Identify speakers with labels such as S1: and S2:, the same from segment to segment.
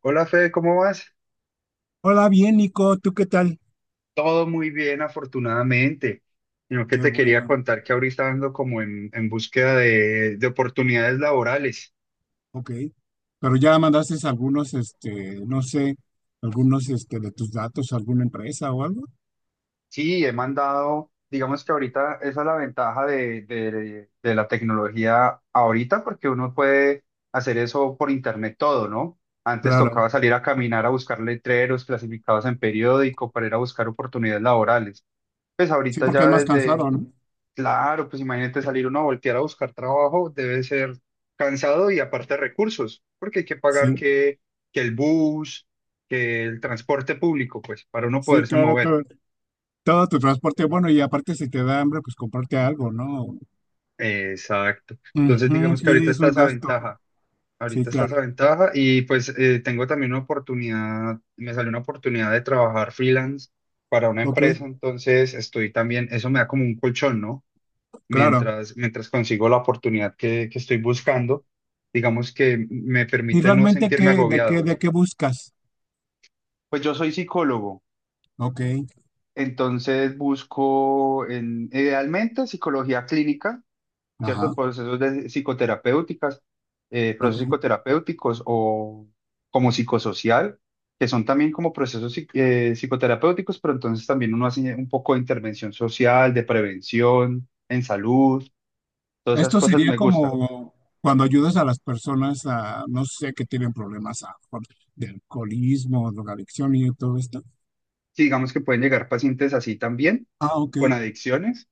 S1: Hola Fede, ¿cómo vas?
S2: Hola, bien, Nico, ¿tú qué tal?
S1: Todo muy bien, afortunadamente. Sino que
S2: Qué
S1: te quería
S2: bueno,
S1: contar que ahorita ando como en búsqueda de oportunidades laborales.
S2: ok. Pero ya mandaste algunos, no sé, algunos, de tus datos a alguna empresa o algo.
S1: Sí, he mandado, digamos que ahorita esa es la ventaja de la tecnología ahorita, porque uno puede hacer eso por internet todo, ¿no? Antes
S2: Claro,
S1: tocaba salir a caminar a buscar letreros clasificados en periódico para ir a buscar oportunidades laborales. Pues
S2: sí,
S1: ahorita
S2: porque es
S1: ya
S2: más
S1: desde,
S2: cansado, ¿no?
S1: claro, pues imagínate salir uno a voltear a buscar trabajo, debe ser cansado y aparte recursos, porque hay que pagar
S2: Sí,
S1: que el bus, que el transporte público, pues, para uno
S2: sí,
S1: poderse
S2: claro,
S1: mover.
S2: todo, todo tu transporte, bueno, y aparte si te da hambre, pues comprarte algo, ¿no?
S1: Exacto. Entonces,
S2: Ujú,
S1: digamos que
S2: sí,
S1: ahorita
S2: es
S1: está
S2: un
S1: esa
S2: gasto,
S1: ventaja,
S2: sí,
S1: ahorita está
S2: claro,
S1: esa ventaja y pues tengo también una oportunidad, me salió una oportunidad de trabajar freelance para una
S2: ok,
S1: empresa, entonces estoy también, eso me da como un colchón, ¿no?
S2: claro.
S1: Mientras consigo la oportunidad que estoy buscando, digamos que me
S2: ¿Y
S1: permite no
S2: realmente
S1: sentirme
S2: qué,
S1: agobiado.
S2: de qué buscas?
S1: Pues yo soy psicólogo,
S2: Ok,
S1: entonces busco en, idealmente psicología clínica, cierto.
S2: ajá,
S1: Psicoterapéuticas, Procesos
S2: ok.
S1: psicoterapéuticos o como psicosocial, que son también como psicoterapéuticos, pero entonces también uno hace un poco de intervención social, de prevención en salud, todas esas
S2: Esto
S1: cosas
S2: sería
S1: me gustan.
S2: como cuando ayudas a las personas a, no sé, que tienen problemas de alcoholismo, drogadicción y todo esto.
S1: Sí, digamos que pueden llegar pacientes así también,
S2: Ah, ok.
S1: con adicciones,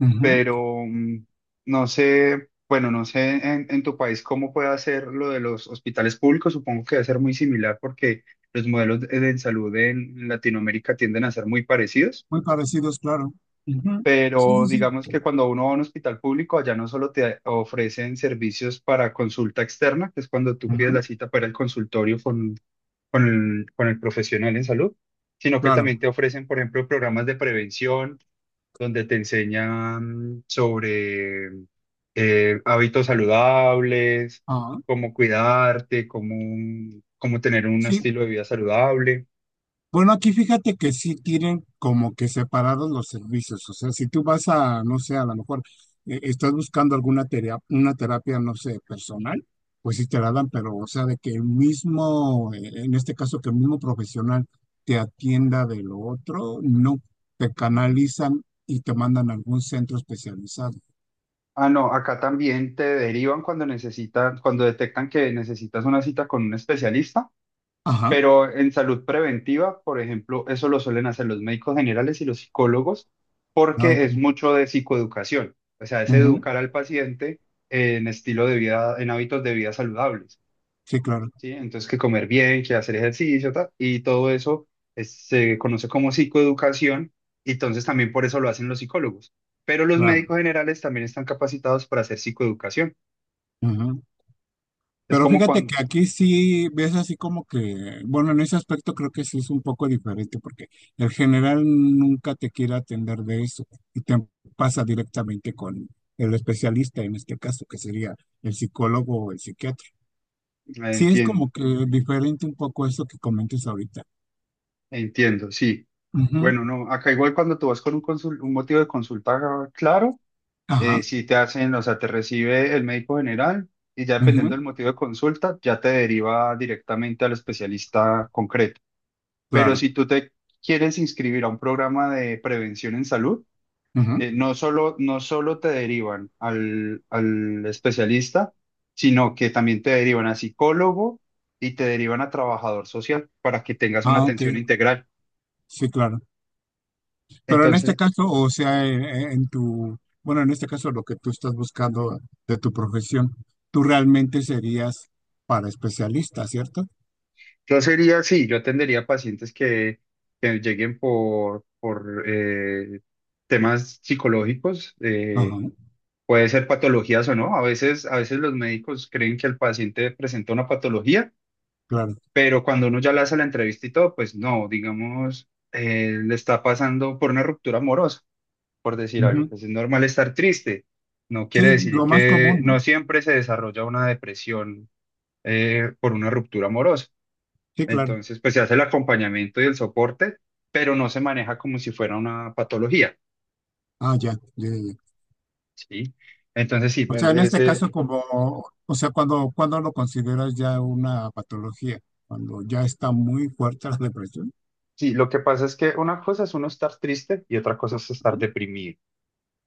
S2: Ujú.
S1: pero no sé, bueno, no sé en tu país cómo puede ser lo de los hospitales públicos, supongo que debe ser muy similar porque los modelos de salud en Latinoamérica tienden a ser muy parecidos,
S2: Muy parecidos, claro. Ujú. Sí,
S1: pero
S2: sí, sí.
S1: digamos que cuando uno va a un hospital público, allá no solo te ofrecen servicios para consulta externa, que es cuando tú pides
S2: Ujú.
S1: la cita para el consultorio con el profesional en salud, sino que también
S2: Claro.
S1: te ofrecen, por ejemplo, programas de prevención donde te enseñan sobre hábitos saludables,
S2: Ah,
S1: cómo cómo tener un
S2: sí.
S1: estilo de vida saludable.
S2: Bueno, aquí fíjate que sí tienen como que separados los servicios. O sea, si tú vas a, no sé, a lo mejor estás buscando alguna terapia, una terapia, no sé, personal, pues sí te la dan, pero o sea, de que el mismo, en este caso, que el mismo profesional te atienda de lo otro, no, te canalizan y te mandan a algún centro especializado.
S1: Ah, no, acá también te derivan cuando necesitan, cuando detectan que necesitas una cita con un especialista.
S2: Ajá.
S1: Pero en salud preventiva, por ejemplo, eso lo suelen hacer los médicos generales y los psicólogos
S2: Ah,
S1: porque
S2: ok.
S1: es mucho de psicoeducación. O sea, es
S2: Ujú.
S1: educar al paciente en estilo de vida, en hábitos de vida saludables,
S2: Sí, claro,
S1: ¿sí? Entonces, que comer bien, que hacer ejercicio, ta, y todo eso se conoce como psicoeducación y entonces también por eso lo hacen los psicólogos. Pero los
S2: claro.
S1: médicos generales también están capacitados para hacer psicoeducación. Es
S2: Pero
S1: como
S2: fíjate
S1: cuando...
S2: que aquí sí ves así como que, bueno, en ese aspecto creo que sí es un poco diferente porque el general nunca te quiere atender de eso y te pasa directamente con el especialista en este caso, que sería el psicólogo o el psiquiatra. Sí es
S1: Entiendo,
S2: como que diferente un poco eso que comentas ahorita.
S1: entiendo, sí.
S2: Ujú,
S1: Bueno, no, acá igual cuando tú vas con un motivo de consulta claro,
S2: ajá,
S1: si te hacen, o sea, te recibe el médico general y ya
S2: ujú,
S1: dependiendo del motivo de consulta, ya te deriva directamente al especialista concreto. Pero
S2: claro.
S1: si tú te quieres inscribir a un programa de prevención en salud,
S2: Ujú.
S1: no solo te derivan al especialista, sino que también te derivan a psicólogo y te derivan a trabajador social para que tengas una
S2: Ah, ok,
S1: atención integral.
S2: sí, claro. Pero en este
S1: Entonces,
S2: caso, o sea, en tu, bueno, en este caso lo que tú estás buscando de tu profesión, tú realmente serías para especialista, ¿cierto?
S1: yo sería así, yo atendería pacientes que lleguen por temas psicológicos,
S2: Ajá,
S1: puede ser patologías o no. A veces los médicos creen que el paciente presenta una patología,
S2: claro.
S1: pero cuando uno ya le hace la entrevista y todo, pues no, digamos, le está pasando por una ruptura amorosa, por decir algo.
S2: Ujú.
S1: Pues es normal estar triste. No quiere
S2: Sí,
S1: decir
S2: lo más
S1: que
S2: común,
S1: no
S2: ¿no?
S1: siempre se desarrolla una depresión por una ruptura amorosa.
S2: Sí, claro.
S1: Entonces, pues se hace el acompañamiento y el soporte, pero no se maneja como si fuera una patología,
S2: Ah, ya, ya, ya, ya.
S1: ¿sí? Entonces, sí,
S2: O sea, en este caso, como, o sea, cuando lo consideras ya una patología, cuando ya está muy fuerte la depresión.
S1: sí, lo que pasa es que una cosa es uno estar triste y otra cosa es estar deprimido.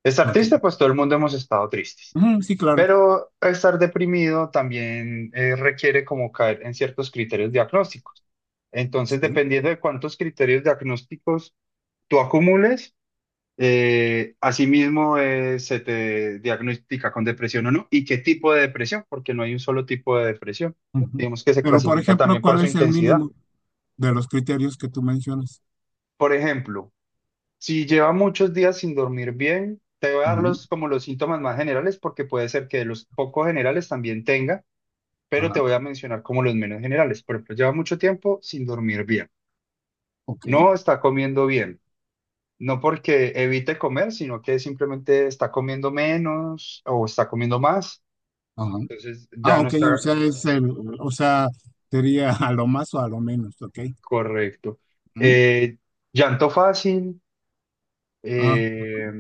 S1: Estar
S2: Ok.
S1: triste, pues todo el mundo hemos estado tristes,
S2: Ujú, sí, claro.
S1: pero estar deprimido también requiere como caer en ciertos criterios diagnósticos. Entonces,
S2: Sí.
S1: dependiendo de cuántos criterios diagnósticos tú acumules, asimismo, se te diagnostica con depresión o no, y qué tipo de depresión, porque no hay un solo tipo de depresión.
S2: Ujú.
S1: Digamos que se
S2: Pero, por
S1: clasifica
S2: ejemplo,
S1: también por
S2: ¿cuál
S1: su
S2: es el
S1: intensidad.
S2: mínimo de los criterios que tú mencionas?
S1: Por ejemplo, si lleva muchos días sin dormir bien, te voy a dar
S2: Ujú.
S1: los, como los síntomas más generales, porque puede ser que de los poco generales también tenga, pero te
S2: Ajá.
S1: voy a mencionar como los menos generales. Por ejemplo, lleva mucho tiempo sin dormir bien,
S2: Ok,
S1: no está comiendo bien. No porque evite comer, sino que simplemente está comiendo menos o está comiendo más.
S2: ajá.
S1: Entonces
S2: Ah,
S1: ya no
S2: ok, o
S1: está
S2: sea, es el, o sea, sería a lo más o a lo menos, ok.
S1: correcto.
S2: Ujú.
S1: Eh, llanto fácil.
S2: Ah,
S1: eh,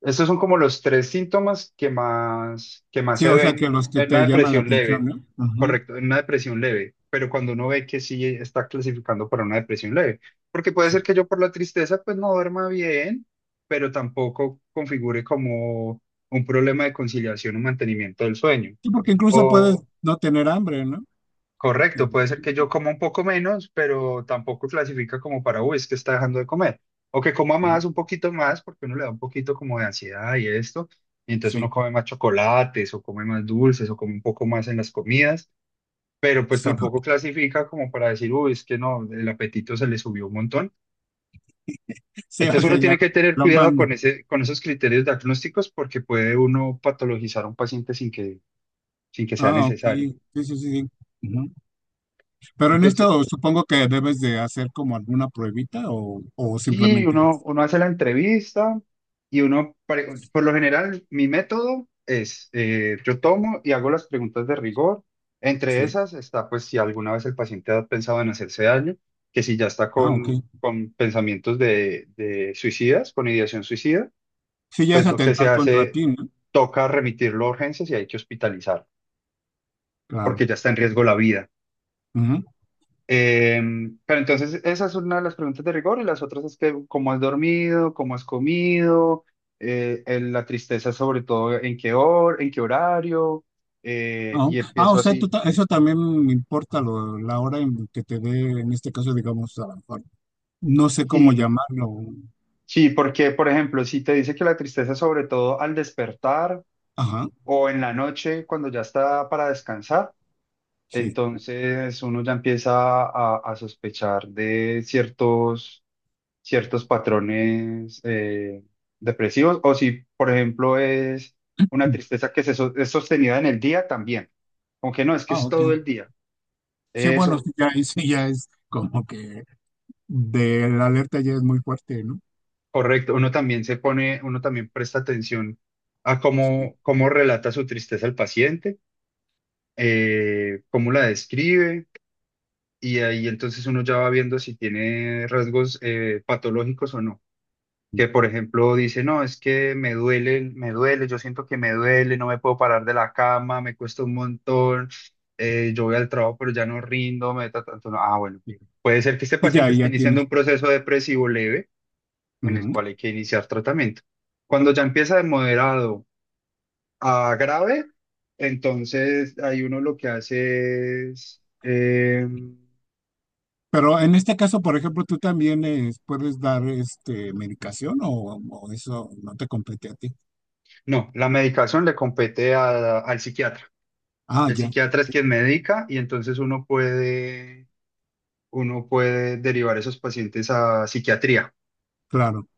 S1: Estos son como los tres síntomas que más
S2: sí,
S1: se
S2: o sea, que
S1: ven
S2: los que
S1: en una
S2: te llaman la
S1: depresión
S2: atención,
S1: leve.
S2: ¿no? Ajá,
S1: Correcto, en una depresión leve. Pero cuando uno ve que sí está clasificando para una depresión leve. Porque puede
S2: sí.
S1: ser que yo por la tristeza pues no duerma bien, pero tampoco configure como un problema de conciliación o mantenimiento del sueño.
S2: Sí, porque incluso puedes
S1: O
S2: no tener hambre, ¿no?
S1: correcto, puede ser
S2: Ujú,
S1: que yo coma un poco menos, pero tampoco clasifica como para, uy, es que está dejando de comer. O que coma
S2: ujú.
S1: más, un poquito más, porque uno le da un poquito como de ansiedad y esto. Y entonces uno
S2: Sí,
S1: come más chocolates o come más dulces o come un poco más en las comidas, pero pues
S2: sí,
S1: tampoco clasifica como para decir, uy, es que no, el apetito se le subió un montón.
S2: sí, o
S1: Entonces
S2: sea,
S1: uno tiene
S2: ya
S1: que tener
S2: lo
S1: cuidado con
S2: mando.
S1: ese, con esos criterios diagnósticos porque puede uno patologizar a un paciente sin que, sin que sea
S2: Ah, ok,
S1: necesario.
S2: sí, sí, sí, sí. Ujú. Pero en
S1: Entonces,
S2: esto supongo que debes de hacer como alguna pruebita o
S1: sí,
S2: simplemente,
S1: uno,
S2: es-
S1: uno hace la entrevista y uno, por lo general, mi método es, yo tomo y hago las preguntas de rigor. Entre
S2: sí.
S1: esas está, pues, si alguna vez el paciente ha pensado en hacerse daño, que si ya está
S2: Ah, ok.
S1: con pensamientos de suicidas, con ideación suicida,
S2: Sí, ya
S1: pues
S2: es
S1: lo que se
S2: atentar contra
S1: hace,
S2: ti, ¿no?
S1: toca remitirlo a urgencias y hay que hospitalizar
S2: Claro.
S1: porque ya está en riesgo la vida. Eh, pero entonces esa es una de las preguntas de rigor y las otras es que cómo has dormido, cómo has comido, la tristeza sobre todo en qué hora, en qué horario,
S2: Ah,
S1: y
S2: ah,
S1: empiezo
S2: o sea, tú
S1: así.
S2: ta- eso también me importa la hora en que te dé, en este caso, digamos, a lo mejor, no sé cómo
S1: Sí,
S2: llamarlo.
S1: sí, porque por ejemplo, si te dice que la tristeza sobre todo al despertar
S2: Ajá,
S1: o en la noche cuando ya está para descansar,
S2: sí.
S1: entonces uno ya empieza a sospechar de ciertos patrones depresivos o si, por ejemplo, es una tristeza que es sostenida en el día también. Aunque no, es que
S2: Ah,
S1: es
S2: ok.
S1: todo el día.
S2: Sí, bueno, sí,
S1: Eso,
S2: ya, ahí sí, ya es como que de la alerta ya es muy fuerte, ¿no?
S1: correcto. Uno también se pone, uno también presta atención a cómo relata su tristeza el paciente, cómo la describe, y ahí entonces uno ya va viendo si tiene rasgos patológicos o no. Que por ejemplo dice, no, es que yo siento que me duele, no me puedo parar de la cama, me cuesta un montón, yo voy al trabajo pero ya no rindo, me da tanto, no. Ah, bueno,
S2: Sí,
S1: puede ser que este
S2: sí, ya,
S1: paciente esté
S2: ya
S1: iniciando
S2: tienes.
S1: un proceso depresivo leve en el
S2: Ujú.
S1: cual hay que iniciar tratamiento. Cuando ya empieza de moderado a grave, entonces ahí uno lo que hace es
S2: Pero en este caso, por ejemplo, tú también puedes dar este medicación o eso no te compete a ti.
S1: no, la medicación le compete al psiquiatra.
S2: Ah,
S1: El
S2: ya,
S1: psiquiatra es quien medica y entonces uno puede derivar esos pacientes a psiquiatría.
S2: claro.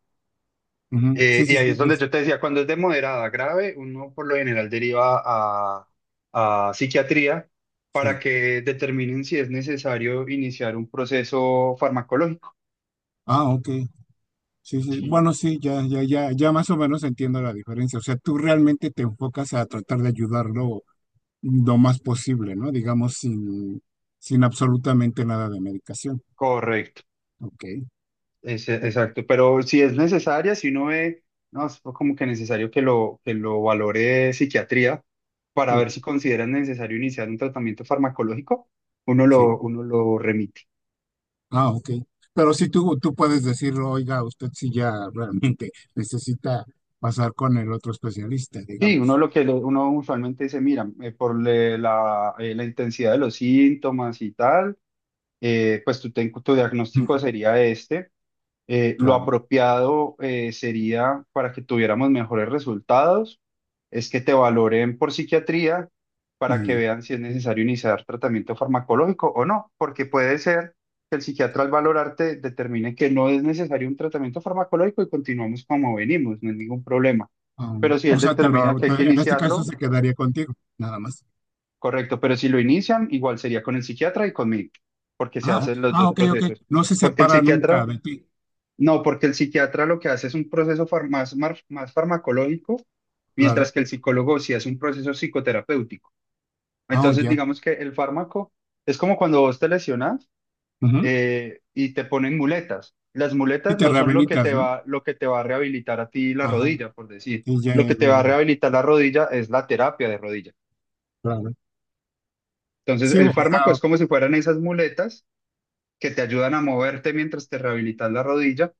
S2: Ujú. Sí,
S1: Y
S2: sí,
S1: ahí
S2: sí,
S1: es donde
S2: es-
S1: yo te decía, cuando es de moderada a grave, uno por lo general deriva a psiquiatría para
S2: sí.
S1: que determinen si es necesario iniciar un proceso farmacológico.
S2: Ah, ok. Sí, sí.
S1: Sí,
S2: Bueno, sí, ya, ya, ya, ya más o menos entiendo la diferencia. O sea, tú realmente te enfocas a tratar de ayudarlo lo más posible, ¿no? Digamos, sin, sin absolutamente nada de medicación.
S1: correcto.
S2: Ok. Sí.
S1: Exacto, pero si es necesaria, si uno ve, no, es como que necesario que lo valore psiquiatría para
S2: Tú-
S1: ver si consideran necesario iniciar un tratamiento farmacológico,
S2: sí.
S1: uno lo remite.
S2: Ah, ok. Pero sí tú puedes decir, oiga, usted sí ya realmente necesita pasar con el otro especialista,
S1: Sí, uno
S2: digamos.
S1: uno usualmente dice, mira, por la intensidad de los síntomas y tal, pues tu diagnóstico
S2: Mm.
S1: sería este. Lo
S2: Claro.
S1: apropiado sería para que tuviéramos mejores resultados, es que te valoren por psiquiatría para que
S2: Y,
S1: vean si es necesario iniciar tratamiento farmacológico o no, porque puede ser que el psiquiatra al valorarte determine que no es necesario un tratamiento farmacológico y continuamos como venimos, no hay ningún problema. Pero si él
S2: o sea,
S1: determina que hay que
S2: te- en este caso
S1: iniciarlo,
S2: se quedaría contigo, nada más.
S1: correcto, pero si lo inician, igual sería con el psiquiatra y conmigo, porque se
S2: Ah,
S1: hacen los
S2: ah,
S1: dos
S2: ok, ok.
S1: procesos.
S2: No se
S1: Porque el
S2: separa nunca
S1: psiquiatra
S2: de ti.
S1: no, porque el psiquiatra lo que hace es un proceso más farmacológico,
S2: Claro.
S1: mientras que el psicólogo sí hace un proceso psicoterapéutico.
S2: Ah,
S1: Entonces,
S2: ya.
S1: digamos que el fármaco es como cuando vos te lesionas
S2: Ujú.
S1: y te ponen muletas. Las
S2: Y
S1: muletas
S2: te
S1: no son
S2: reabilitas, ¿no?
S1: lo que te va a rehabilitar a ti la
S2: Ajá.
S1: rodilla, por decir.
S2: Y ya,
S1: Lo
S2: ya,
S1: que te
S2: ya,
S1: va a
S2: ya.
S1: rehabilitar la rodilla es la terapia de rodilla.
S2: Claro.
S1: Entonces,
S2: Sí,
S1: el
S2: o
S1: fármaco
S2: sea,
S1: es como si fueran esas muletas que te ayudan a moverte mientras te rehabilitas la rodilla.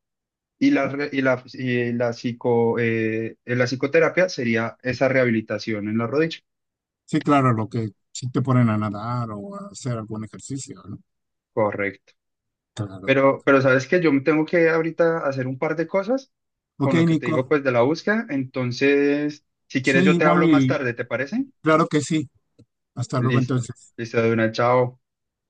S1: Y la, re- y la, psico, La psicoterapia sería esa rehabilitación en la rodilla.
S2: sí, claro, lo que sí te ponen a nadar o a hacer algún ejercicio, ¿no?
S1: Correcto.
S2: Claro.
S1: Pero sabes que yo tengo que ahorita hacer un par de cosas
S2: Ok,
S1: con lo que te digo
S2: Nico.
S1: pues de la búsqueda. Entonces, si
S2: Sí,
S1: quieres yo te
S2: igual
S1: hablo más
S2: y
S1: tarde, ¿te parece?
S2: claro que sí. Hasta luego
S1: Listo.
S2: entonces.
S1: Listo, de una, chao.